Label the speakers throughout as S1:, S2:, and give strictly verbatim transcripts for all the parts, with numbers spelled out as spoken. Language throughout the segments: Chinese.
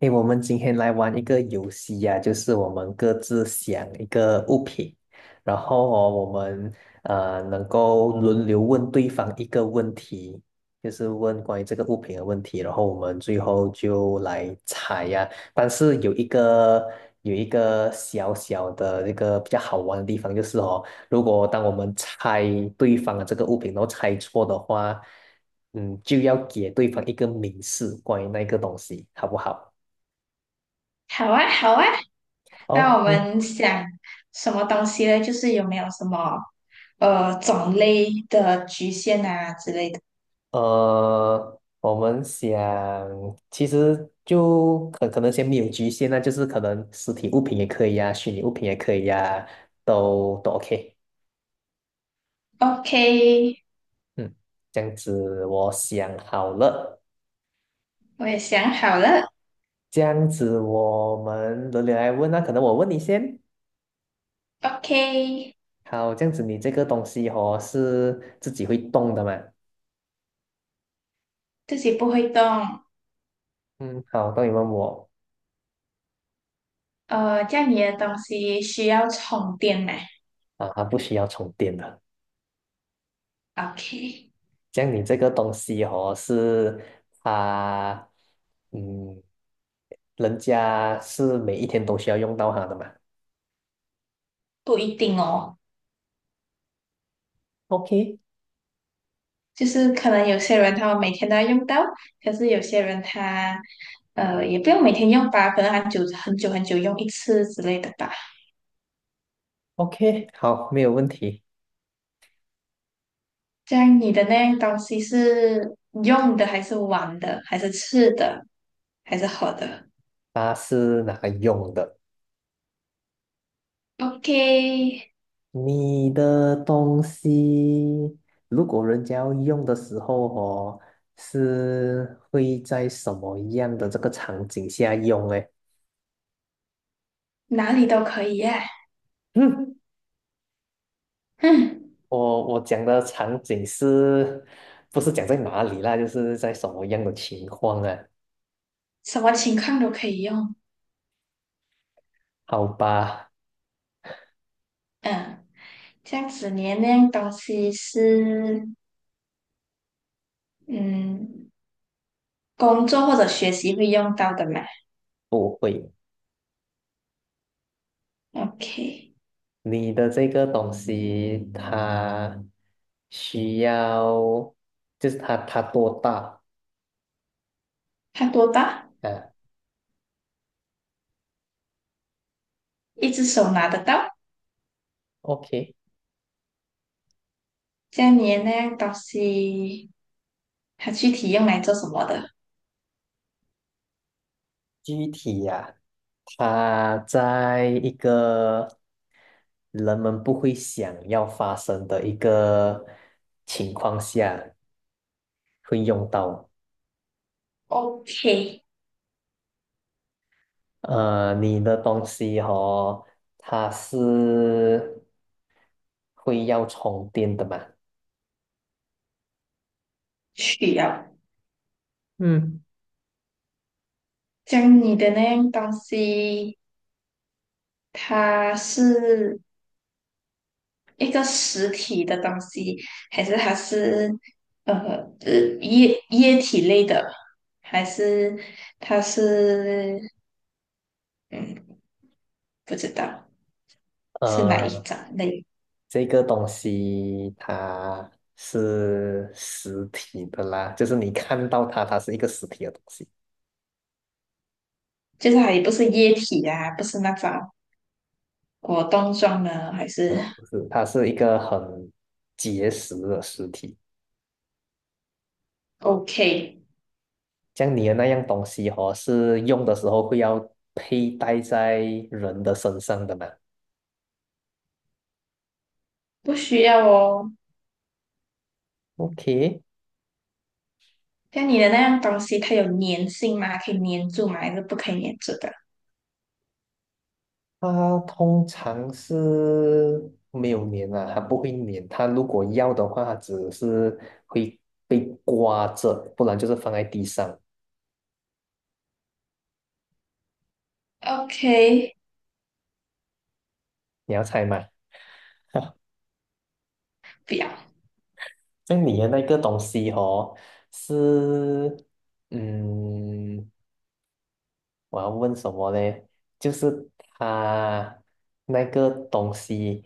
S1: 诶，我们今天来玩一个游戏呀、就是我们各自想一个物品，然后哦，我们呃能够轮流问对方一个问题，就是问关于这个物品的问题，然后我们最后就来猜呀、但是有一个有一个小小的这个比较好玩的地方，就是哦，如果当我们猜对方的这个物品，然后猜错的话，嗯，就要给对方一个明示关于那个东西，好不好？
S2: 好啊，好啊，那我
S1: OK，
S2: 们想什么东西呢？就是有没有什么呃种类的局限啊之类的
S1: 呃，我们想，其实就可可能先没有局限那就是可能实体物品也可以呀、虚拟物品也可以呀、都都 OK。
S2: ？OK，
S1: 嗯，这样子我想好了，
S2: 我也想好了。
S1: 这样子我们轮流来问那、可能我问你先。
S2: OK，
S1: 好，这样子你这个东西哦是自己会动的嘛？
S2: 自己不会动。
S1: 嗯，好，那你问我
S2: 呃，这样你的东西需要充电吗
S1: 啊，它不需要充电的。
S2: ？OK，
S1: 这样你这个东西哦，是啊，嗯，人家是每一天都需要用到它的嘛
S2: 不一定哦，
S1: ？OK
S2: 就是可能有些人他们每天都要用到，可是有些人他呃也不用每天用吧，可能很久很久很久用一次之类的吧。
S1: OK，好，没有问题。
S2: 这样你的那样东西是用的还是玩的，还是吃的，还是喝的
S1: 它是拿来用的。
S2: ？OK，
S1: 你的东西，如果人家要用的时候哦，是会在什么样的这个场景下用嘞？
S2: 哪里都可以耶，
S1: 嗯，
S2: 嗯，
S1: 我我讲的场景是，不是讲在哪里啦？就是在什么样的情况啊？
S2: 什么情况都可以用。
S1: 好吧，
S2: 嗯，这样子你的那样东西是嗯工作或者学习会用到的嘛
S1: 不会。
S2: ？OK，
S1: 你的这个东西，它需要，就是它它多大
S2: 它多大？
S1: 啊
S2: 一只手拿得到。
S1: ？OK，
S2: 这样你的那样东西它具体用来做什么的
S1: 具体呀、它在一个人们不会想要发生的一个情况下会用到。
S2: ？OK，
S1: 呃，你的东西哦，它是会要充电的嘛？
S2: 需要。
S1: 嗯，
S2: 像你的那样东西，它是一个实体的东西，还是它是呃呃液液体类的，还是它是嗯不知道是哪一
S1: 呃，
S2: 种类？
S1: 这个东西它是实体的啦，就是你看到它，它是一个实体的东西
S2: 就是它也不是液体啊，不是那种果冻状的，还
S1: 啊，
S2: 是
S1: 不是，它是一个很结实的实体。
S2: OK，
S1: 像你的那样东西哦，是用的时候会要佩戴在人的身上的嘛
S2: 不需要哦。
S1: ？OK，
S2: 像你的那样东西，它有粘性吗？可以粘住吗？还是不可以粘住的
S1: 它通常是没有粘啊，它不会粘。它如果要的话，它只是会被刮着，不然就是放在地上。
S2: ？OK，
S1: 你要猜吗？
S2: 不要，
S1: 那你的那个东西哦，是，嗯，我要问什么呢？就是它那个东西，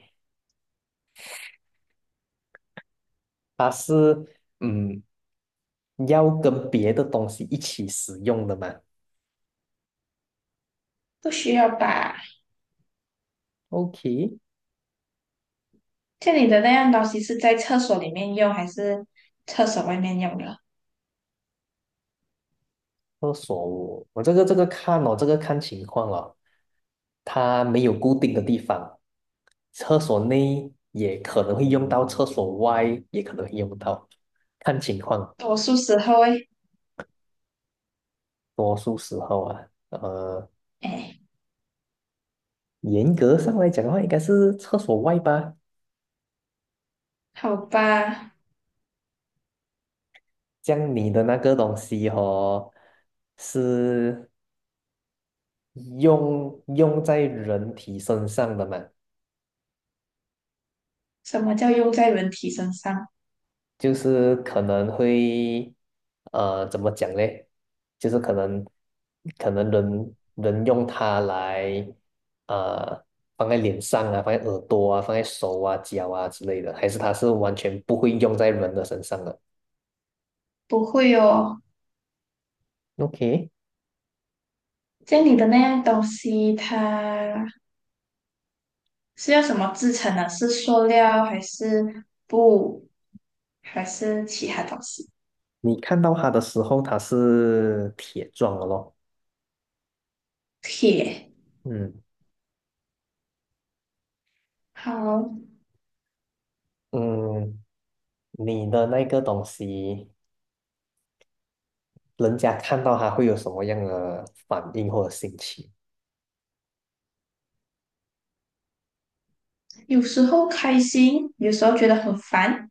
S1: 它是嗯，要跟别的东西一起使用的嘛
S2: 不需要吧？
S1: ？OK，
S2: 像你的那样东西是在厕所里面用，还是厕所外面用的？
S1: 厕所我我这个这个看哦，这个看情况哦，它没有固定的地方，厕所内也可能会用到，厕所外也可能会用到，看情况。
S2: 多数时候会，
S1: 多数时候啊，呃，
S2: 哎，
S1: 严格上来讲的话，应该是厕所外吧。
S2: 好吧，
S1: 这样你的那个东西哦，是用用在人体身上的嘛？
S2: 什么叫用在人体身上？
S1: 就是可能会，呃，怎么讲嘞？就是可能可能人人用它来，呃，放在脸上啊，放在耳朵啊，放在手啊、脚啊之类的，还是它是完全不会用在人的身上的
S2: 不会哦，
S1: ？OK。
S2: 家里的那样东西，它是用什么制成的？是塑料还是布，还是其他东西？
S1: 你看到它的时候，它是铁状的咯。
S2: 铁。
S1: 嗯
S2: 好，
S1: 嗯，你的那个东西，人家看到它会有什么样的反应或者心情
S2: 有时候开心，有时候觉得很烦，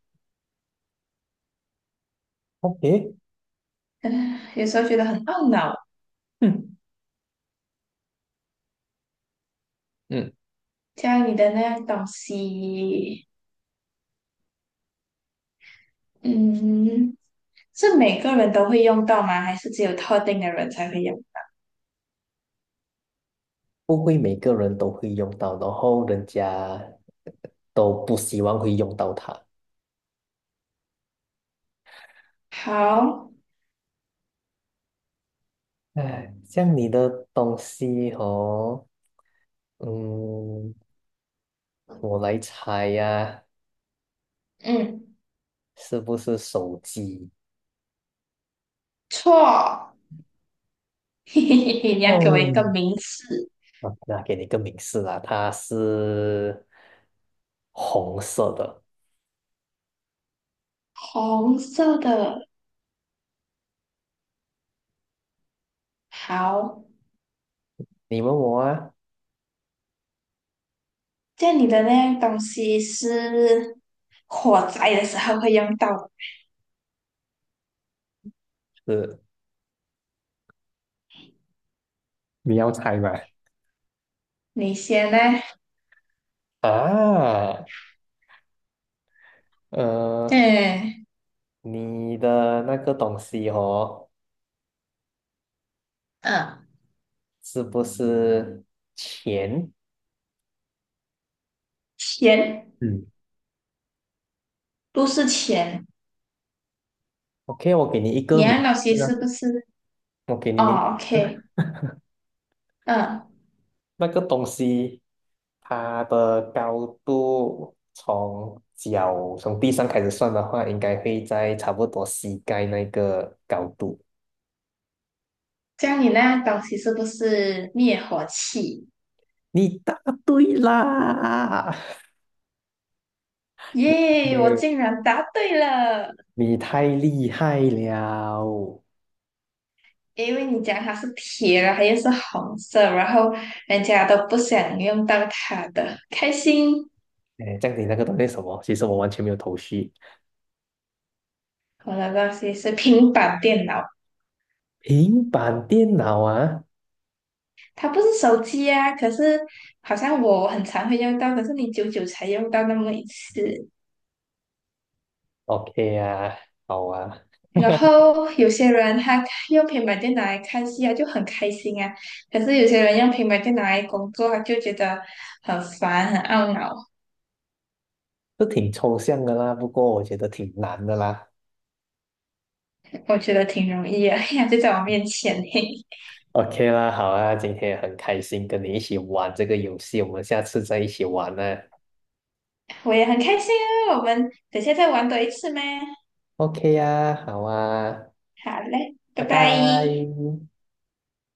S1: ？OK，
S2: 嗯，有时候觉得很懊恼。
S1: 嗯嗯，
S2: 家里的那样东西，嗯，是每个人都会用到吗？还是只有特定的人才会用？
S1: 不会每个人都会用到，然后人家都不希望会用到它。
S2: 好，
S1: 哎，像你的东西哦，嗯，我来猜呀、
S2: 嗯，
S1: 是不是手机？
S2: 错，嘿嘿嘿嘿，你要给我
S1: 哦，
S2: 一个名词，
S1: 啊，那给你个明示啦，它是红色的。
S2: 红色的。好，
S1: 你问我啊，
S2: 这样你的那样东西是火灾的时候会用到。
S1: 是你要猜吗？
S2: 你先呢？
S1: 啊，呃，
S2: 嗯
S1: 你的那个东西哦，
S2: 嗯，
S1: 是不是钱
S2: 钱
S1: 嗯，
S2: 不是钱，
S1: ？OK，我给你一个
S2: 你那样
S1: 名
S2: 东西
S1: 字
S2: 是
S1: 啊，
S2: 不是？
S1: 我给你名
S2: 哦
S1: 字
S2: ，OK，
S1: 啊
S2: 嗯，
S1: 那个东西它的高度从脚从地上开始算的话，应该会在差不多膝盖那个高度。
S2: 这样你那样东西是不是灭火器？
S1: 你答对啦！
S2: 耶，我
S1: 耶
S2: 竟然答对了！
S1: 你太厉害了！
S2: 因为你讲它是铁，然后又是红色，然后人家都不想用到它的，开心。
S1: 哎，这样你那个东西是什么？其实我完全没有头绪。
S2: 我的东西是平板电脑。
S1: 平板电脑啊
S2: 它不是手机啊，可是好像我很常会用到，可是你久久才用到那么一次。
S1: ，OK 啊，好啊，
S2: 然后有些人他用平板电脑来看戏啊，就很开心啊。可是有些人用平板电脑来工作啊，就觉得很烦、很懊恼。
S1: 都挺抽象的啦，不过我觉得挺难的啦。
S2: 我觉得挺容易啊，呀就在我面前嘿
S1: OK 啦，好啊，今天很开心跟你一起玩这个游戏，我们下次再一起玩呢。
S2: 我也很开心啊。我们等下再玩多一次吗？
S1: OK 啊，好啊，
S2: 好嘞，
S1: 拜
S2: 拜拜。
S1: 拜。